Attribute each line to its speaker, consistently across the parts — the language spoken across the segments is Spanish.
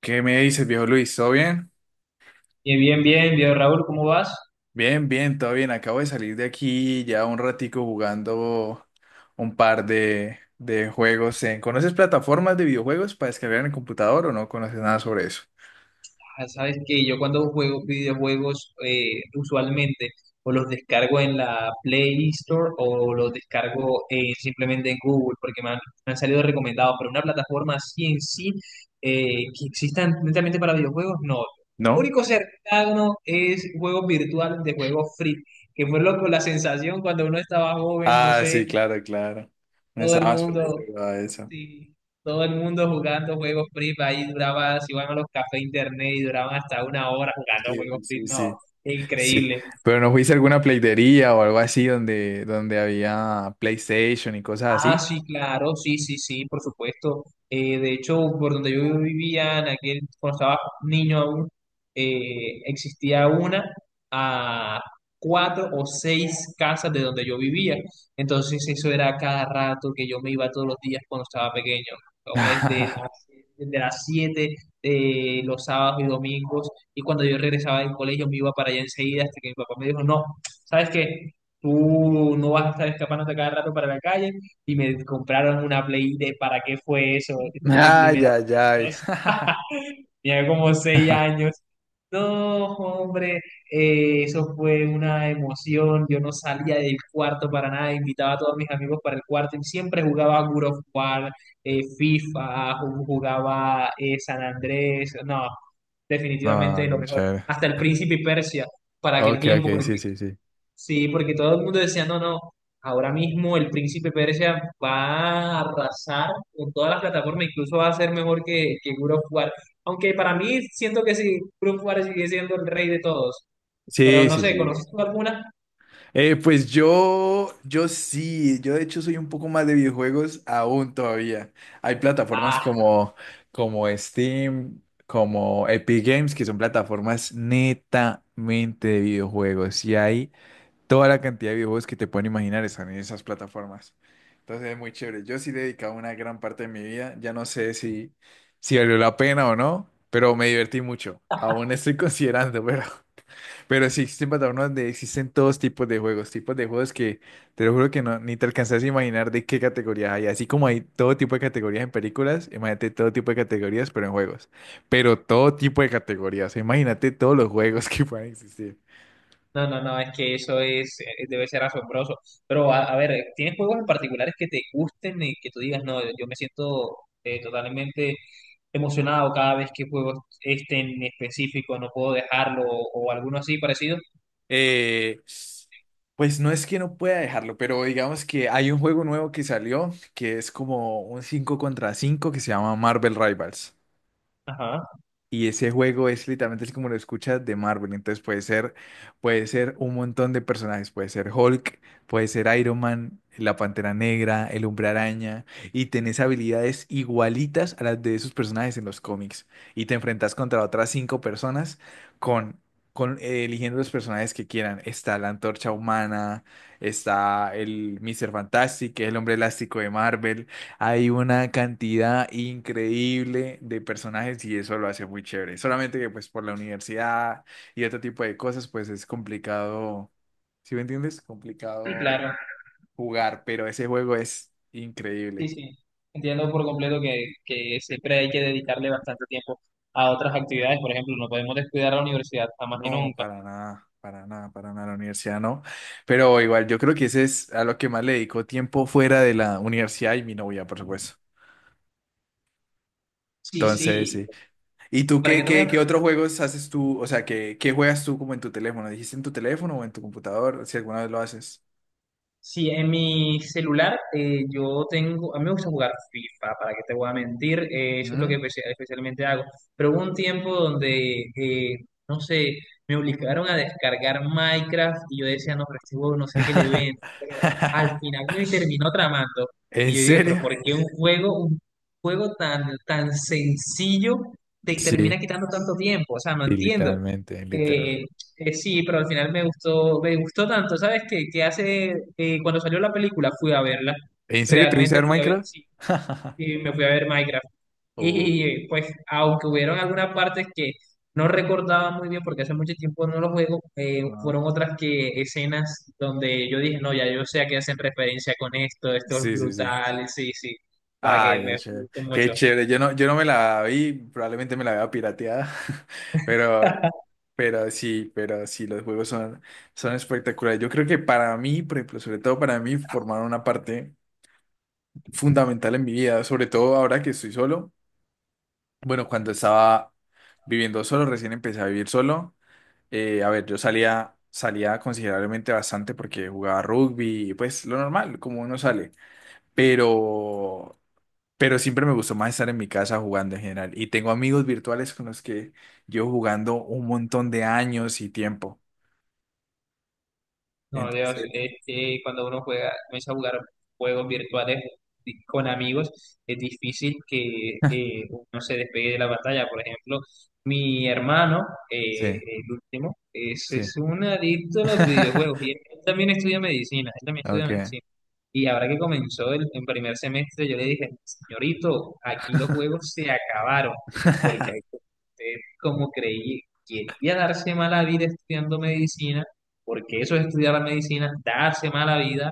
Speaker 1: ¿Qué me dices, viejo Luis? ¿Todo bien?
Speaker 2: Bien, bien, bien, bien, Raúl, ¿cómo vas?
Speaker 1: Bien, bien, todo bien. Acabo de salir de aquí ya un ratico jugando un par de juegos. ¿Conoces plataformas de videojuegos para descargar en el computador o no conoces nada sobre eso?
Speaker 2: Ah, sabes que yo cuando juego videojuegos usualmente o los descargo en la Play Store o los descargo simplemente en Google porque me han salido recomendados, pero una plataforma así en sí eh, que exista netamente para videojuegos, no. Lo
Speaker 1: ¿No?
Speaker 2: único cercano es juegos virtuales de juegos free, que fue loco la sensación cuando uno estaba joven, no
Speaker 1: Ah, sí,
Speaker 2: sé,
Speaker 1: claro, claro. No
Speaker 2: todo el
Speaker 1: estabas peladito
Speaker 2: mundo
Speaker 1: jugaba eso.
Speaker 2: sí, todo el mundo jugando juegos free, ahí duraba, si iban a los cafés internet y duraban hasta 1 hora jugando
Speaker 1: Sí,
Speaker 2: juegos free,
Speaker 1: sí,
Speaker 2: no,
Speaker 1: sí. Sí.
Speaker 2: increíble.
Speaker 1: Pero no fuiste a alguna playdería o algo así donde había PlayStation y cosas
Speaker 2: Ah,
Speaker 1: así.
Speaker 2: sí, claro, sí, sí, sí, por supuesto. De hecho, por donde yo vivía, cuando estaba niño aún, existía una a cuatro o seis casas de donde yo vivía. Entonces eso era cada rato que yo me iba todos los días cuando estaba pequeño, como desde las, desde las 7, de los sábados y domingos. Y cuando yo regresaba del colegio me iba para allá enseguida hasta que mi papá me dijo, no, ¿sabes qué? Tú no vas a estar escapándote cada rato para la calle y me compraron una Play de ¿para qué fue eso? Mi
Speaker 1: Ah,
Speaker 2: primera
Speaker 1: ya, ya.
Speaker 2: Play 2 tenía como 6 años. No, hombre, eso fue una emoción. Yo no salía del cuarto para nada, invitaba a todos mis amigos para el cuarto y siempre jugaba a God of War, FIFA, jugaba San Andrés. No,
Speaker 1: No,
Speaker 2: definitivamente lo mejor.
Speaker 1: chévere.
Speaker 2: Hasta el Príncipe Persia, para aquel
Speaker 1: Ok,
Speaker 2: tiempo,
Speaker 1: ok, sí,
Speaker 2: porque
Speaker 1: sí, sí.
Speaker 2: sí, porque todo el mundo decía, no, no, ahora mismo el príncipe Persia va a arrasar con todas las plataformas, incluso va a ser mejor que God of War. Aunque para mí siento que sí, God of War sigue siendo el rey de todos. Pero
Speaker 1: Sí,
Speaker 2: no
Speaker 1: sí,
Speaker 2: sé,
Speaker 1: sí.
Speaker 2: ¿conoces tú alguna?
Speaker 1: Pues yo sí, yo de hecho soy un poco más de videojuegos aún todavía. Hay plataformas
Speaker 2: Ah,
Speaker 1: como Steam, como Epic Games, que son plataformas netamente de videojuegos. Y hay toda la cantidad de videojuegos que te pueden imaginar están en esas plataformas. Entonces es muy chévere. Yo sí he dedicado una gran parte de mi vida. Ya no sé si valió la pena o no, pero me divertí mucho. Aún estoy considerando, pero... Pero sí existen plataformas donde existen todos tipos de juegos que te lo juro que no, ni te alcanzas a imaginar de qué categorías hay. Así como hay todo tipo de categorías en películas, imagínate todo tipo de categorías, pero en juegos. Pero todo tipo de categorías, imagínate todos los juegos que puedan existir.
Speaker 2: no, no, no, es que eso es, debe ser asombroso. Pero a ver, ¿tienes juegos en particulares que te gusten y que tú digas, no, yo me siento totalmente emocionado cada vez que juego este en específico, no puedo dejarlo o alguno así parecido?
Speaker 1: Eh, pues no es que no pueda dejarlo, pero digamos que hay un juego nuevo que salió que es como un 5 contra 5 que se llama Marvel Rivals.
Speaker 2: Ajá,
Speaker 1: Y ese juego es literalmente así como lo escuchas de Marvel. Entonces puede ser un montón de personajes. Puede ser Hulk, puede ser Iron Man, la Pantera Negra, el Hombre Araña. Y tenés habilidades igualitas a las de esos personajes en los cómics. Y te enfrentas contra otras cinco personas con, con eligiendo los personajes que quieran. Está la Antorcha Humana, está el Mr. Fantastic, que es el hombre elástico de Marvel. Hay una cantidad increíble de personajes y eso lo hace muy chévere. Solamente que pues por la universidad y otro tipo de cosas pues es complicado, ¿sí me entiendes?
Speaker 2: sí,
Speaker 1: Complicado
Speaker 2: claro,
Speaker 1: jugar, pero ese juego es
Speaker 2: sí,
Speaker 1: increíble.
Speaker 2: sí. Entiendo por completo que siempre hay que dedicarle bastante tiempo a otras actividades. Por ejemplo, no podemos descuidar la universidad jamás y
Speaker 1: No,
Speaker 2: nunca.
Speaker 1: para nada, para nada, para nada, la universidad no. Pero igual yo creo que ese es a lo que más le dedico tiempo fuera de la universidad y mi novia, por supuesto.
Speaker 2: Sí,
Speaker 1: Entonces,
Speaker 2: sí.
Speaker 1: sí. ¿Y tú
Speaker 2: ¿Para qué
Speaker 1: qué,
Speaker 2: te voy a...
Speaker 1: qué, qué otros juegos haces tú? O sea, ¿qué juegas tú como en tu teléfono? ¿Dijiste en tu teléfono o en tu computador? Si alguna vez lo haces.
Speaker 2: Sí, en mi celular yo tengo, a mí me gusta jugar FIFA, para que te voy a mentir, eso es lo que
Speaker 1: Mm.
Speaker 2: especialmente hago. Pero hubo un tiempo donde, no sé, me obligaron a descargar Minecraft y yo decía, no, pero este juego no sé qué le ven, pero al final me terminó tramando. Y
Speaker 1: ¿En
Speaker 2: yo dije, pero
Speaker 1: serio?
Speaker 2: ¿por qué un juego tan, tan sencillo te termina
Speaker 1: Sí,
Speaker 2: quitando tanto tiempo? O sea, no
Speaker 1: sí,
Speaker 2: entiendo.
Speaker 1: literalmente,
Speaker 2: Eh,
Speaker 1: literalmente.
Speaker 2: sí, pero al final me gustó tanto, ¿sabes qué? Que hace, cuando salió la película fui a verla,
Speaker 1: ¿En serio te fuiste a
Speaker 2: realmente
Speaker 1: ver
Speaker 2: fui a ver,
Speaker 1: Minecraft?
Speaker 2: sí, sí, me fui a ver Minecraft. Y
Speaker 1: Oh,
Speaker 2: pues, aunque hubieron algunas partes que no recordaba muy bien porque hace mucho tiempo no lo juego,
Speaker 1: ah.
Speaker 2: fueron otras que escenas donde yo dije, no, ya yo sé a qué hacen referencia con esto, esto es
Speaker 1: Sí, sí, sí.
Speaker 2: brutal, sí, sí, para
Speaker 1: Ah,
Speaker 2: que me,
Speaker 1: qué
Speaker 2: me
Speaker 1: chévere.
Speaker 2: gustó
Speaker 1: Qué
Speaker 2: mucho.
Speaker 1: chévere. Yo no me la vi, probablemente me la vea pirateada, pero, pero sí, los juegos son espectaculares. Yo creo que para mí, por ejemplo, sobre todo para mí, formaron una parte fundamental en mi vida, sobre todo ahora que estoy solo. Bueno, cuando estaba viviendo solo, recién empecé a vivir solo. A ver, yo salía considerablemente bastante porque jugaba rugby, y pues lo normal, como uno sale, pero pero siempre me gustó más estar en mi casa jugando en general. Y tengo amigos virtuales con los que llevo jugando un montón de años y tiempo.
Speaker 2: No, Dios,
Speaker 1: Entonces,
Speaker 2: es que cuando uno juega, comienza a jugar juegos virtuales con amigos, es difícil que uno se despegue de la pantalla. Por ejemplo, mi hermano,
Speaker 1: sí,
Speaker 2: el último, es,
Speaker 1: sí.
Speaker 2: es un adicto a los videojuegos y él también estudia medicina, él también estudia
Speaker 1: Ok.
Speaker 2: medicina. Y ahora que comenzó el primer semestre, yo le dije, señorito, aquí los juegos se acabaron, porque usted, como creí, quería darse mala vida estudiando medicina, porque eso es estudiar la medicina, darse mala vida,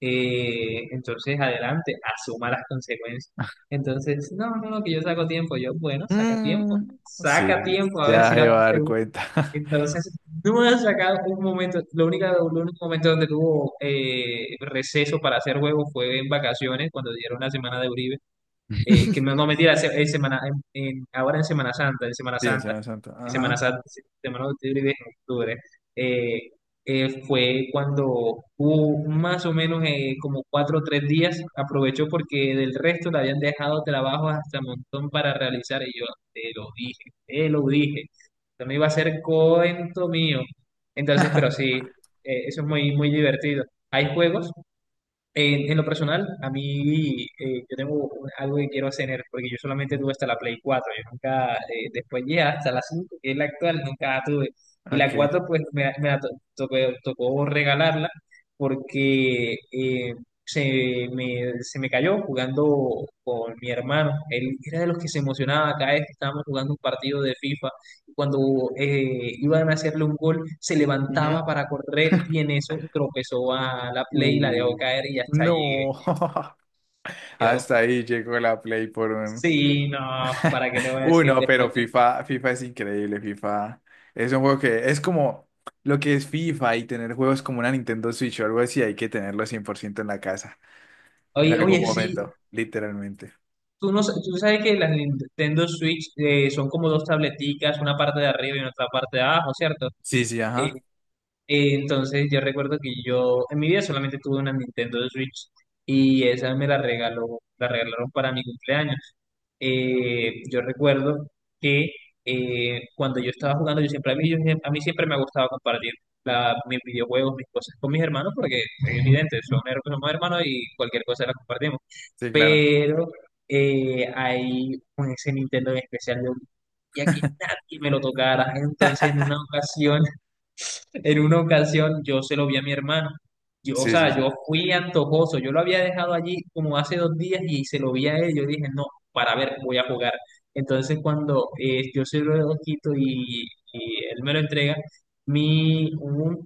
Speaker 2: entonces adelante, asuma las consecuencias. Entonces, no, no, no, que yo saco tiempo, yo, bueno,
Speaker 1: Mm,
Speaker 2: saca
Speaker 1: sí,
Speaker 2: tiempo, a ver
Speaker 1: ya
Speaker 2: si la...
Speaker 1: se va a dar cuenta.
Speaker 2: Entonces, no me has sacado un momento, lo único momento donde tuvo receso para hacer juego fue en vacaciones, cuando dieron la semana de Uribe que no, no mentira, en semana, ahora en Semana Santa, en Semana
Speaker 1: Sí, el
Speaker 2: Santa,
Speaker 1: Semana Santa.
Speaker 2: en Semana
Speaker 1: Ajá.
Speaker 2: Santa, Semana de octubre y de octubre, eh, fue cuando hubo más o menos como 4 o 3 días, aprovechó porque del resto le habían dejado trabajos hasta montón para realizar, y yo te lo dije, no me iba a ser cuento mío, entonces, pero sí, eso es muy, muy divertido. Hay juegos en lo personal, a mí yo tengo algo que quiero hacer, porque yo solamente
Speaker 1: Ya,
Speaker 2: tuve hasta la Play 4 yo nunca, después llegué hasta la 5 que es la actual, nunca la tuve. Y la
Speaker 1: ok.
Speaker 2: 4 pues me la to- tocó, tocó regalarla porque se me cayó jugando con mi hermano. Él era de los que se emocionaba cada vez que estábamos jugando un partido de FIFA cuando iban a hacerle un gol, se levantaba
Speaker 1: Ujú.
Speaker 2: para correr y en eso tropezó a la play y la dejó
Speaker 1: Uh,
Speaker 2: caer y hasta allí...
Speaker 1: no.
Speaker 2: Yo,
Speaker 1: Hasta ahí llegó la Play por un,
Speaker 2: sí, no, ¿para qué te voy a
Speaker 1: uy,
Speaker 2: decir
Speaker 1: no, pero
Speaker 2: después de...
Speaker 1: FIFA, FIFA es increíble, FIFA. Es un juego que es como lo que es FIFA, y tener juegos como una Nintendo Switch o algo así, hay que tenerlo 100% en la casa, en
Speaker 2: Oye,
Speaker 1: algún
Speaker 2: oye, sí,
Speaker 1: momento, literalmente.
Speaker 2: tú, no, tú sabes que las Nintendo Switch son como dos tableticas, una parte de arriba y otra parte de abajo, ¿cierto?
Speaker 1: Sí, sí,
Speaker 2: Eh,
Speaker 1: ajá.
Speaker 2: entonces yo recuerdo que yo en mi vida solamente tuve una Nintendo Switch y esa me la regaló, la regalaron para mi cumpleaños. Yo recuerdo que cuando yo estaba jugando, yo siempre, a mí, yo siem- a mí siempre me ha gustado compartir mis videojuegos, mis cosas con mis hermanos, porque es evidente, somos hermanos y cualquier cosa la compartimos.
Speaker 1: Sí, claro.
Speaker 2: Pero hay un ese Nintendo en especial, yo ya que nadie me lo tocara. Entonces, en una ocasión yo se lo vi a mi hermano. O
Speaker 1: Sí, sí,
Speaker 2: sea, yo
Speaker 1: sí.
Speaker 2: fui antojoso. Yo lo había dejado allí como hace 2 días y se lo vi a él. Yo dije, no, para ver, voy a jugar. Entonces cuando yo se lo quito y él me lo entrega, mi, un-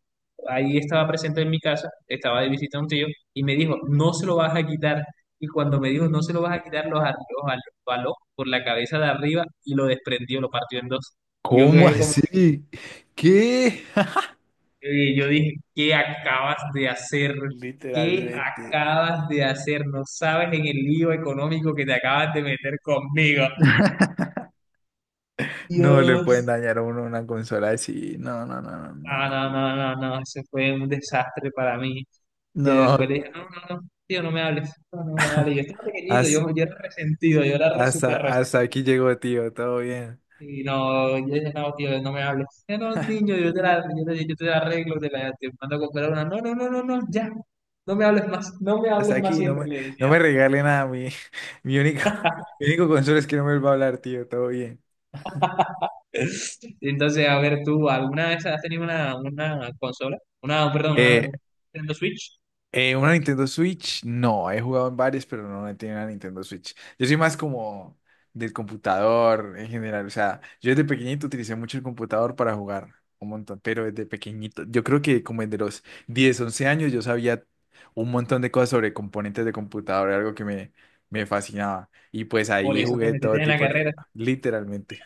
Speaker 2: ahí estaba presente en mi casa, estaba de visita a un tío y me dijo, no se lo vas a quitar. Y cuando me dijo, no se
Speaker 1: Mm,
Speaker 2: lo vas a quitar, los arregló, jaló por la cabeza de arriba y lo desprendió, lo partió en dos. Yo
Speaker 1: ¿cómo
Speaker 2: quedé como...
Speaker 1: así? ¿Qué?
Speaker 2: Y yo dije, ¿qué acabas de hacer? ¿Qué
Speaker 1: Literalmente.
Speaker 2: acabas de hacer? No sabes en el lío económico que te acabas de meter conmigo.
Speaker 1: No le pueden
Speaker 2: Dios.
Speaker 1: dañar a uno una consola así. No, no, no, no,
Speaker 2: No,
Speaker 1: no.
Speaker 2: no, no, no, no. Eso fue un desastre para mí. Y
Speaker 1: No,
Speaker 2: después dije, no, no, no, tío, no me hables. No, no me hables. Yo estaba pequeñito,
Speaker 1: has
Speaker 2: yo era resentido, yo era
Speaker 1: hasta,
Speaker 2: súper
Speaker 1: hasta aquí
Speaker 2: resentido.
Speaker 1: llegó, tío, todo bien.
Speaker 2: Y no, yo dije, no, tío, no me hables. No, niño, yo te la arreglo, te mando a comprar una. No, no, no, no, no, ya. No me hables más, no me
Speaker 1: Hasta
Speaker 2: hables más
Speaker 1: aquí, no
Speaker 2: siempre,
Speaker 1: me,
Speaker 2: le
Speaker 1: no
Speaker 2: decía.
Speaker 1: me regale nada. Mi, mi único, mi único consuelo es que no me va a hablar, tío. Todo bien.
Speaker 2: Entonces, a ver, tú, ¿alguna vez has tenido una consola? Una, perdón, una
Speaker 1: Eh,
Speaker 2: Nintendo Switch.
Speaker 1: ¿Una Nintendo Switch? No, he jugado en varias, pero no he tenido una Nintendo Switch. Yo soy más como del computador en general. O sea, yo desde pequeñito utilicé mucho el computador para jugar un montón, pero desde pequeñito, yo creo que como desde los 10 u 11 años, yo sabía un montón de cosas sobre componentes de computador, era algo que me fascinaba. Y pues
Speaker 2: Por
Speaker 1: ahí
Speaker 2: eso te
Speaker 1: jugué todo
Speaker 2: metiste en la
Speaker 1: tipo de,
Speaker 2: carrera.
Speaker 1: literalmente.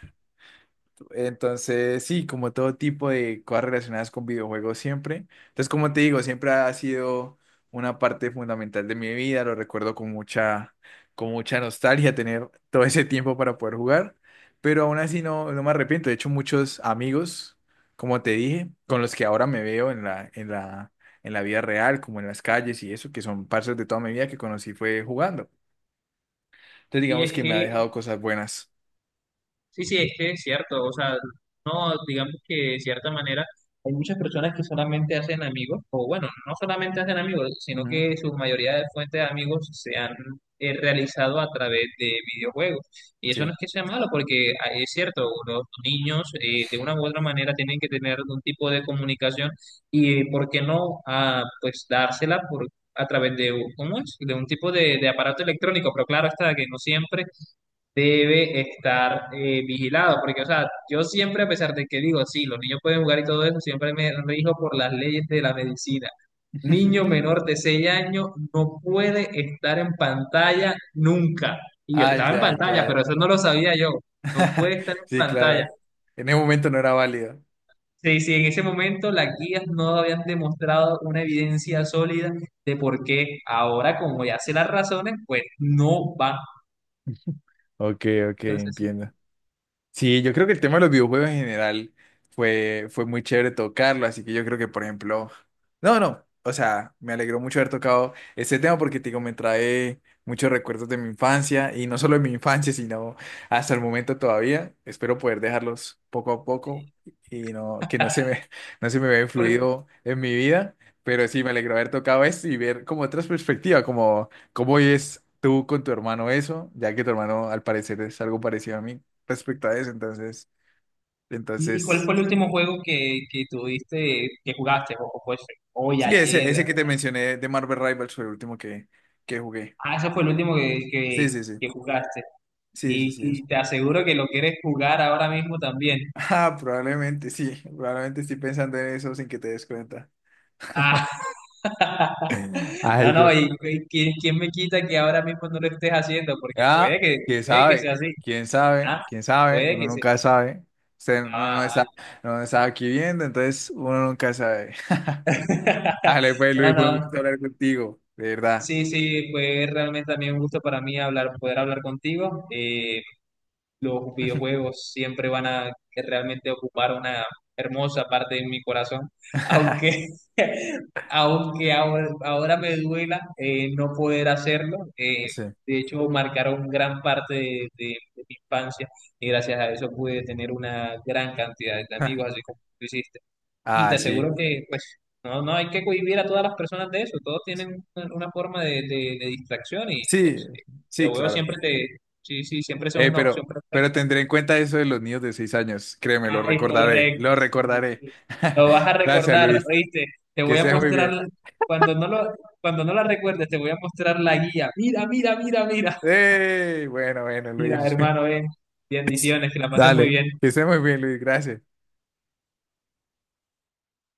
Speaker 1: Entonces, sí, como todo tipo de cosas relacionadas con videojuegos siempre. Entonces, como te digo, siempre ha sido una parte fundamental de mi vida. Lo recuerdo con mucha nostalgia tener todo ese tiempo para poder jugar. Pero aún así no, no me arrepiento. De hecho, muchos amigos, como te dije, con los que ahora me veo en la vida real, como en las calles y eso, que son partes de toda mi vida que conocí fue jugando. Entonces,
Speaker 2: Y
Speaker 1: digamos
Speaker 2: es
Speaker 1: que me ha dejado
Speaker 2: que
Speaker 1: cosas buenas.
Speaker 2: sí, sí, es que es cierto, o sea, no, digamos que de cierta manera hay muchas personas que solamente hacen amigos, o bueno, no solamente hacen amigos, sino
Speaker 1: Ujú,
Speaker 2: que su mayoría de fuentes de amigos se han realizado a través de videojuegos. Y eso no
Speaker 1: sí.
Speaker 2: es que sea malo, porque ah, es cierto, los niños de una u otra manera tienen que tener algún tipo de comunicación y, ¿por qué no? Ah, pues dársela por... A través de, ¿cómo es? De un tipo de aparato electrónico, pero claro está que no siempre debe estar vigilado, porque, o sea, yo siempre, a pesar de que digo, sí, los niños pueden jugar y todo eso, siempre me rijo por las leyes de la medicina. Niño menor de 6 años no puede estar en pantalla nunca. Y yo
Speaker 1: Ah,
Speaker 2: estaba en
Speaker 1: ya,
Speaker 2: pantalla,
Speaker 1: ya.
Speaker 2: pero eso no lo sabía yo. No puede estar en
Speaker 1: Sí,
Speaker 2: pantalla.
Speaker 1: claro. En ese momento no era válido.
Speaker 2: Sí, sí, en ese momento las guías no habían demostrado una evidencia sólida de por qué ahora, como ya sé las razones, pues no va.
Speaker 1: Ok, ok,
Speaker 2: Entonces,
Speaker 1: entiendo. Sí, yo creo que el tema de los videojuegos en general fue muy chévere tocarlo, así que yo creo que, por ejemplo, no, no, o sea, me alegró mucho haber tocado este tema porque, te digo, me trae muchos recuerdos de mi infancia y no solo de mi infancia, sino hasta el momento todavía. Espero poder dejarlos poco a
Speaker 2: sí.
Speaker 1: poco y no, que no se me, no se me vea influido en mi vida, pero sí, me alegró haber tocado esto y ver como otras perspectivas, como cómo es tú con tu hermano eso, ya que tu hermano al parecer es algo parecido a mí respecto a eso. Entonces,
Speaker 2: ¿Y cuál
Speaker 1: entonces,
Speaker 2: fue el último juego que tuviste, que jugaste? O fue hoy,
Speaker 1: sí, ese
Speaker 2: ayer.
Speaker 1: que te mencioné de Marvel Rivals fue el último que jugué.
Speaker 2: Ah, ese fue el último que, que,
Speaker 1: Sí, sí, sí.
Speaker 2: que jugaste.
Speaker 1: Sí, sí,
Speaker 2: Y,
Speaker 1: sí,
Speaker 2: y
Speaker 1: eso.
Speaker 2: te aseguro que lo quieres jugar ahora mismo también.
Speaker 1: Ah, probablemente sí. Probablemente estoy pensando en eso sin que te des cuenta.
Speaker 2: Ah, no,
Speaker 1: Ay,
Speaker 2: no,
Speaker 1: que.
Speaker 2: y ¿quién me quita que ahora mismo no lo estés haciendo? Porque
Speaker 1: Ah, quién
Speaker 2: puede que sea
Speaker 1: sabe,
Speaker 2: así.
Speaker 1: quién sabe,
Speaker 2: Ah,
Speaker 1: quién sabe,
Speaker 2: puede
Speaker 1: uno
Speaker 2: que sea.
Speaker 1: nunca sabe. Usted no, no está,
Speaker 2: Ah.
Speaker 1: no está aquí viendo, entonces uno nunca sabe. Ale, pues
Speaker 2: No,
Speaker 1: Luis, fue un
Speaker 2: no.
Speaker 1: gusto hablar contigo, de verdad.
Speaker 2: Sí, sí, fue realmente también un gusto para mí hablar, poder hablar contigo. Los videojuegos siempre van a realmente ocupar una hermosa parte de mi corazón, aunque, aunque ahora me duela no poder hacerlo.
Speaker 1: Sí.
Speaker 2: De hecho, marcaron gran parte de mi infancia y gracias a eso pude tener una gran cantidad de amigos, así como tú hiciste. Y
Speaker 1: Ah,
Speaker 2: te
Speaker 1: sí.
Speaker 2: aseguro que, pues, no, no hay que cohibir a todas las personas de eso, todos tienen una forma de distracción y,
Speaker 1: Sí,
Speaker 2: pues, el
Speaker 1: sí,
Speaker 2: videojuego
Speaker 1: claro.
Speaker 2: siempre sí, sí, siempre son una
Speaker 1: Pero,
Speaker 2: opción
Speaker 1: pero
Speaker 2: perfecta.
Speaker 1: tendré en cuenta eso de los niños de 6 años. Créeme, lo
Speaker 2: Ah, es
Speaker 1: recordaré,
Speaker 2: correcto,
Speaker 1: lo
Speaker 2: sí,
Speaker 1: recordaré.
Speaker 2: sí. Lo vas a
Speaker 1: Gracias,
Speaker 2: recordar,
Speaker 1: Luis.
Speaker 2: ¿oíste? Te
Speaker 1: Que
Speaker 2: voy a
Speaker 1: estés muy
Speaker 2: mostrar,
Speaker 1: bien.
Speaker 2: cuando no lo, cuando no la recuerdes, te voy a mostrar la guía. Mira, mira, mira, mira.
Speaker 1: ¡Ey! Bueno, bueno,
Speaker 2: Mira,
Speaker 1: Luis.
Speaker 2: hermano, ven. Bendiciones, que la pases muy
Speaker 1: Dale,
Speaker 2: bien.
Speaker 1: que estés muy bien, Luis. Gracias.